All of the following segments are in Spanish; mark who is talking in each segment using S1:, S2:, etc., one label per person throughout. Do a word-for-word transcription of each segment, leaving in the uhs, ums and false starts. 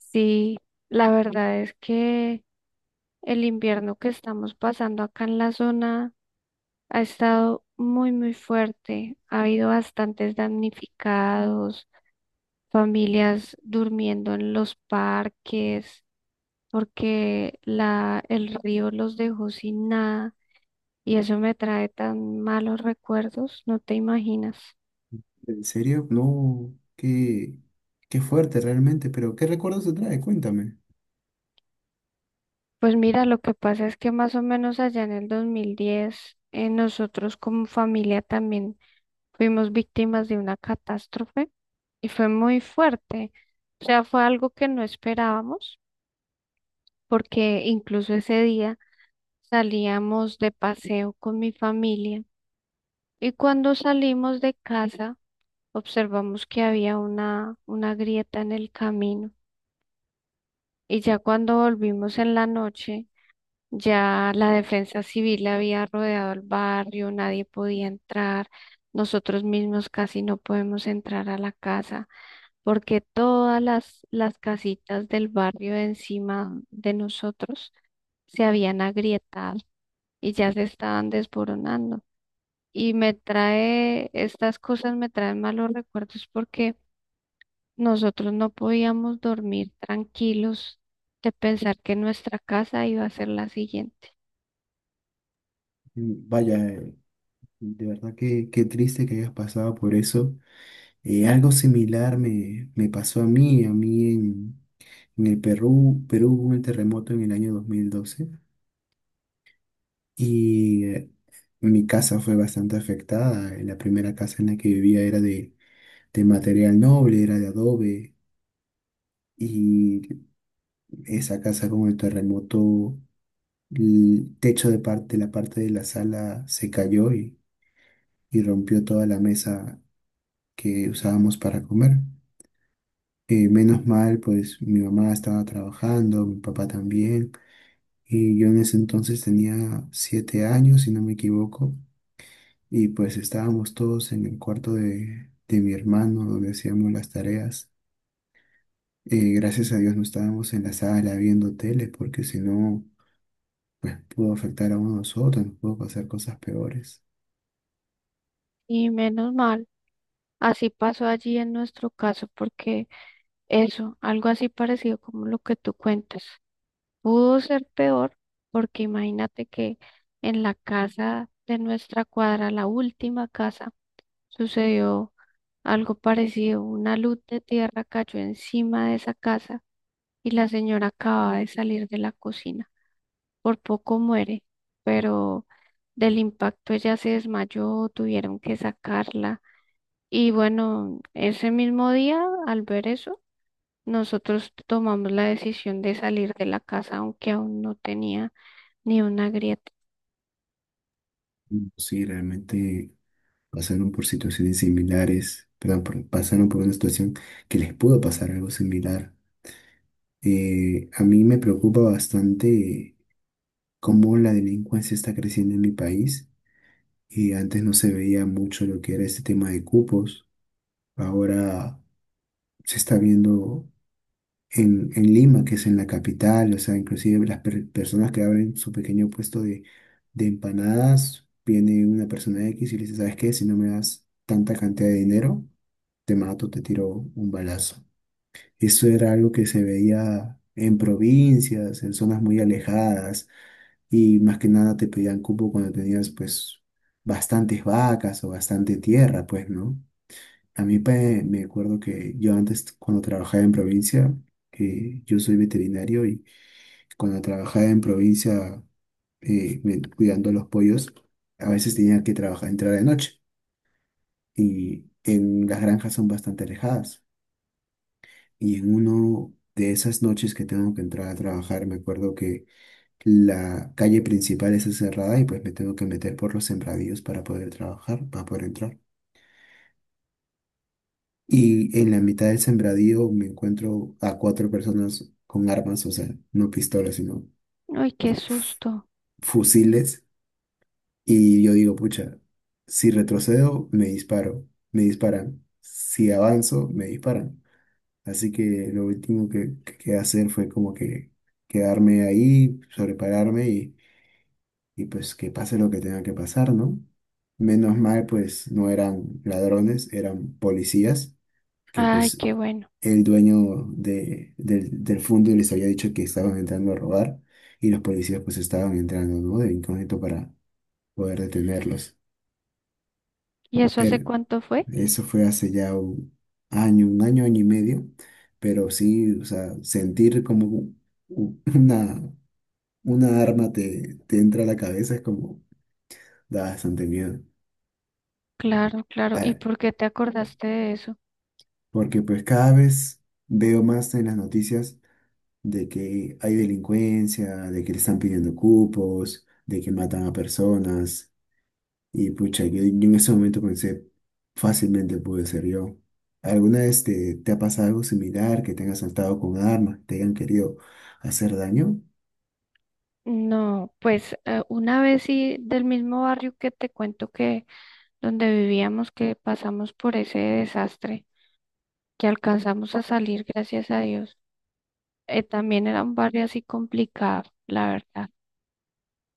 S1: Sí, la verdad es que el invierno que estamos pasando acá en la zona ha estado muy, muy fuerte. Ha habido bastantes damnificados, familias durmiendo en los parques porque la, el río los dejó sin nada y eso me trae tan malos recuerdos, no te imaginas.
S2: ¿En serio? No, qué, qué fuerte realmente, pero ¿qué recuerdos te trae? Cuéntame.
S1: Pues mira, lo que pasa es que más o menos allá en el dos mil diez, eh, nosotros como familia también fuimos víctimas de una catástrofe y fue muy fuerte. O sea, fue algo que no esperábamos porque incluso ese día salíamos de paseo con mi familia y cuando salimos de casa observamos que había una, una grieta en el camino y ya cuando volvimos en la noche, ya la defensa civil había rodeado el barrio, nadie podía entrar, nosotros mismos casi no podemos entrar a la casa, porque todas las, las casitas del barrio encima de nosotros se habían agrietado y ya se estaban desboronando. Y me trae, estas cosas me traen malos recuerdos porque nosotros no podíamos dormir tranquilos de pensar que nuestra casa iba a ser la siguiente.
S2: Mm, vaya, eh, de verdad que qué triste que hayas pasado por eso. Eh, algo similar me, me pasó a mí, a mí en, en el Perú. Perú hubo un terremoto en el año dos mil doce y eh, mi casa fue bastante afectada. Eh, La primera casa en la que vivía era de, de material noble, era de adobe y esa casa con el terremoto. El techo de parte, de la parte de la sala se cayó y, y rompió toda la mesa que usábamos para comer. Eh, menos mal, pues mi mamá estaba trabajando, mi papá también, y yo en ese entonces tenía siete años, si no me equivoco, y pues estábamos todos en el cuarto de, de mi hermano donde hacíamos las tareas. Eh, gracias a Dios no estábamos en la sala viendo tele, porque si no pudo afectar a uno de nosotros, nos pudo pasar cosas peores.
S1: Y menos mal, así pasó allí en nuestro caso, porque eso, algo así parecido como lo que tú cuentas. Pudo ser peor porque imagínate que en la casa de nuestra cuadra, la última casa, sucedió algo parecido. Una luz de tierra cayó encima de esa casa y la señora acababa de salir de la cocina. Por poco muere, pero del impacto ella se desmayó, tuvieron que sacarla. Y bueno, ese mismo día, al ver eso, nosotros tomamos la decisión de salir de la casa, aunque aún no tenía ni una grieta.
S2: Sí, realmente pasaron por situaciones similares, perdón, por- pasaron por una situación que les pudo pasar algo similar. Eh, a mí me preocupa bastante cómo la delincuencia está creciendo en mi país y antes no se veía mucho lo que era este tema de cupos. Ahora se está viendo en, en Lima, que es en la capital, o sea, inclusive las per- personas que abren su pequeño puesto de, de empanadas, viene una persona X y le dice, ¿sabes qué? Si no me das tanta cantidad de dinero, te mato, te tiro un balazo. Eso era algo que se veía en provincias, en zonas muy alejadas, y más que nada te pedían cupo cuando tenías pues bastantes vacas o bastante tierra, pues, ¿no? A mí pe- me acuerdo que yo antes cuando trabajaba en provincia, eh, yo soy veterinario y cuando trabajaba en provincia eh, me- cuidando los pollos, a veces tenía que trabajar, entrar de noche y en las granjas son bastante alejadas. Y en uno de esas noches que tengo que entrar a trabajar, me acuerdo que la calle principal está cerrada y pues me tengo que meter por los sembradíos para poder trabajar, para poder entrar. Y en la mitad del sembradío me encuentro a cuatro personas con armas, o sea, no pistolas, sino
S1: Ay, qué
S2: f-
S1: susto.
S2: fusiles. Y yo digo, pucha, si retrocedo, me disparo, me disparan. Si avanzo, me disparan. Así que lo último que, que quedé hacer fue como que quedarme ahí, sobrepararme y, y pues que pase lo que tenga que pasar, ¿no? Menos mal, pues no eran ladrones, eran policías, que
S1: Ay,
S2: pues
S1: qué bueno.
S2: el dueño de, del, del fondo les había dicho que estaban entrando a robar y los policías pues estaban entrando, ¿no? De incógnito para poder detenerlos.
S1: ¿Y eso hace
S2: Pero
S1: cuánto fue?
S2: eso fue hace ya un año, un año, año y medio, pero sí, o sea, sentir como u- u- una, una arma te, te entra a la cabeza es como da bastante miedo.
S1: Claro, claro. ¿Y
S2: Ah,
S1: por qué te acordaste de eso?
S2: porque pues cada vez veo más en las noticias de que hay delincuencia, de que le están pidiendo cupos, de que matan a personas. Y pucha, yo, yo en ese momento pensé, fácilmente pude ser yo. ¿Alguna vez te, te ha pasado algo similar, que te han asaltado con armas, te hayan querido hacer daño?
S1: No, pues eh, una vez sí, del mismo barrio que te cuento, que donde vivíamos, que pasamos por ese desastre, que alcanzamos a salir, gracias a Dios. Eh, también era un barrio así complicado, la verdad.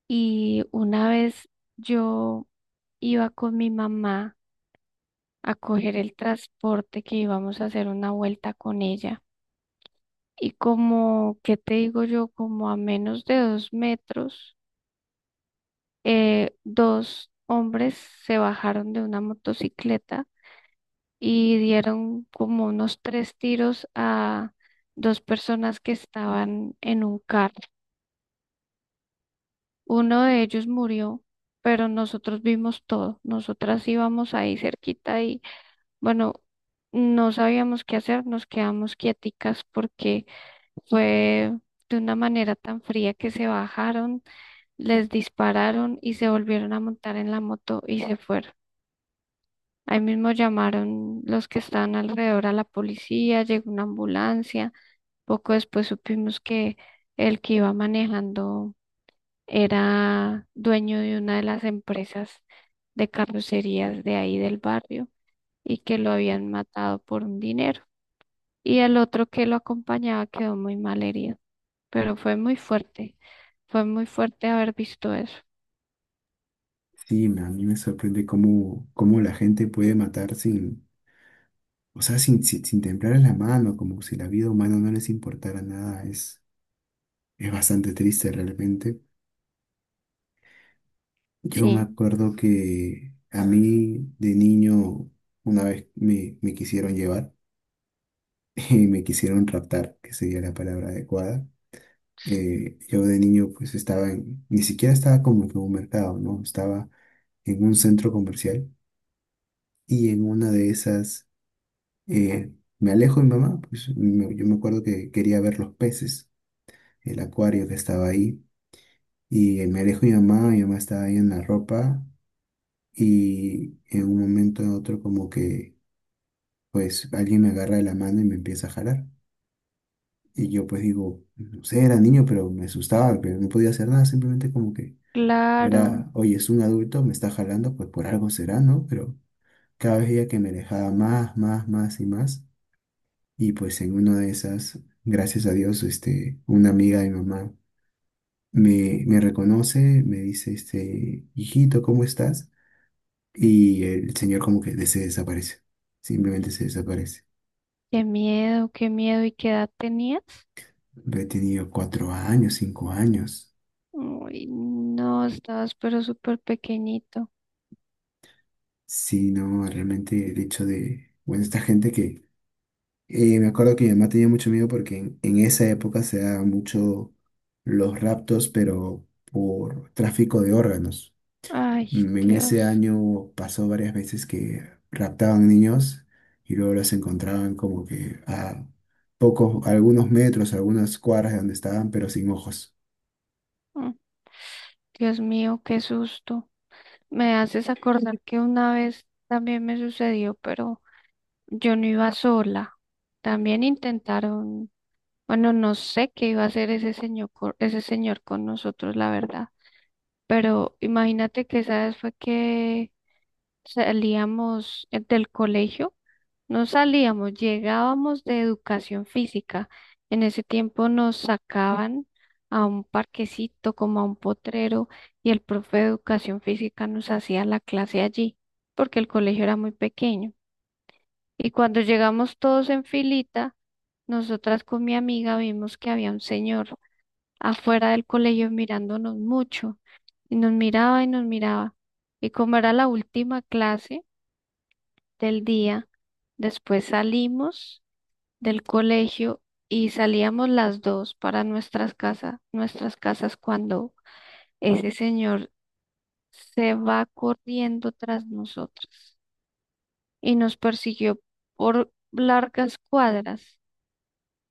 S1: Y una vez yo iba con mi mamá a coger el transporte, que íbamos a hacer una vuelta con ella. Y como, ¿qué te digo yo? Como a menos de dos metros, eh, dos hombres se bajaron de una motocicleta y dieron como unos tres tiros a dos personas que estaban en un carro. Uno de ellos murió, pero nosotros vimos todo. Nosotras íbamos ahí cerquita y bueno, no sabíamos qué hacer, nos quedamos quieticas porque fue de una manera tan fría que se bajaron, les dispararon y se volvieron a montar en la moto y se fueron. Ahí mismo llamaron los que estaban alrededor a la policía, llegó una ambulancia. Poco después supimos que el que iba manejando era dueño de una de las empresas de carrocerías de ahí del barrio y que lo habían matado por un dinero. Y el otro que lo acompañaba quedó muy mal herido, pero fue muy fuerte. Fue muy fuerte haber visto eso.
S2: Sí, me- a mí me sorprende cómo, cómo la gente puede matar sin, o sea, sin, sin, sin temblar en la mano, como si la vida humana no les importara nada. Es, es bastante triste realmente. Yo me
S1: Sí,
S2: acuerdo que a mí de niño una vez me, me quisieron llevar. Y me quisieron raptar, que sería la palabra adecuada. Eh, yo de niño pues estaba en, ni siquiera estaba como que en un mercado, ¿no? Estaba en un centro comercial y en una de esas eh, me alejo de mi mamá, pues me- yo me acuerdo que quería ver los peces, el acuario que estaba ahí y eh, me alejo de mi mamá, mi mamá estaba ahí en la ropa y en un momento u otro como que pues alguien me agarra de la mano y me empieza a jalar. Y yo pues digo, no sé, era niño, pero me asustaba, pero no podía hacer nada, simplemente como que
S1: claro.
S2: era, oye, es un adulto, me está jalando, pues por algo será, ¿no? Pero cada vez ella que me alejaba más, más, más y más. Y pues en una de esas, gracias a Dios, este, una amiga de mi mamá me, me reconoce, me dice, este, hijito, ¿cómo estás? Y el señor como que de- se desaparece, simplemente se desaparece.
S1: Qué miedo, qué miedo. ¿Y qué edad tenías?
S2: He tenido cuatro años, cinco años.
S1: Uy, no, estabas pero súper pequeñito.
S2: Sí, no, realmente el hecho de, bueno, esta gente que, eh, me acuerdo que mi mamá tenía mucho miedo porque en, en esa época se daban mucho los raptos, pero por tráfico de órganos.
S1: Ay,
S2: Mm, En ese
S1: Dios.
S2: año pasó varias veces que raptaban niños y luego los encontraban como que a pocos, algunos metros, algunas cuadras de donde estaban, pero sin ojos.
S1: Mm, Dios mío, qué susto. Me haces acordar que una vez también me sucedió, pero yo no iba sola. También intentaron, bueno, no sé qué iba a hacer ese señor, co- ese señor con nosotros, la verdad. Pero imagínate que esa vez fue que salíamos eh, del colegio, no salíamos, llegábamos de educación física. En ese tiempo nos sacaban a un parquecito, como a un potrero, y el profe de educación física nos hacía la clase allí, porque el colegio era muy pequeño. Y cuando llegamos todos en filita, nosotras con mi amiga vimos que había un señor afuera del colegio mirándonos mucho. Y nos miraba y nos miraba. Y como era la última clase del día, después salimos del colegio y salíamos las dos para nuestras casas, nuestras casas, cuando ese señor se va corriendo tras nosotros y nos persiguió por largas cuadras.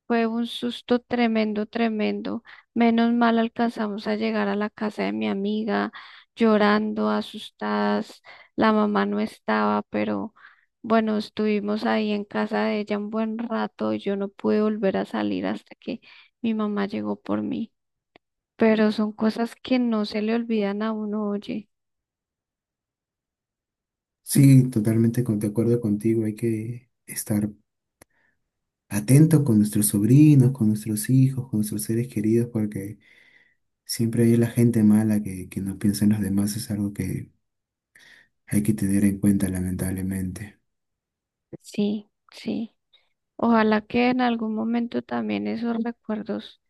S1: Fue un susto tremendo, tremendo. Menos mal alcanzamos a llegar a la casa de mi amiga, llorando, asustadas. La mamá no estaba, pero bueno, estuvimos ahí en casa de ella un buen rato, y yo no pude volver a salir hasta que mi mamá llegó por mí. Pero son cosas que no se le olvidan a uno, oye.
S2: Sí, totalmente con- de acuerdo contigo, hay que estar atentos con nuestros sobrinos, con nuestros hijos, con nuestros seres queridos, porque siempre hay la gente mala que, que no piensa en los demás, es algo que hay que tener en cuenta, lamentablemente.
S1: Sí, sí. Ojalá que en algún momento también esos recuerdos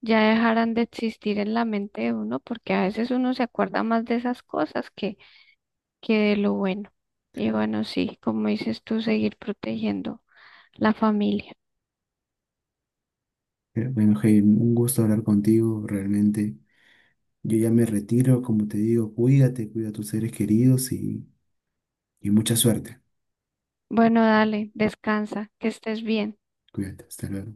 S1: ya dejaran de existir en la mente de uno, porque a veces uno se acuerda más de esas cosas que, que de lo bueno. Y bueno, sí, como dices tú, seguir protegiendo la familia.
S2: Pero bueno, hey, un gusto hablar contigo, realmente. Yo ya me retiro, como te digo, cuídate, cuida a tus seres queridos y, y mucha suerte.
S1: Bueno, dale, descansa, que estés bien.
S2: Cuídate, hasta luego.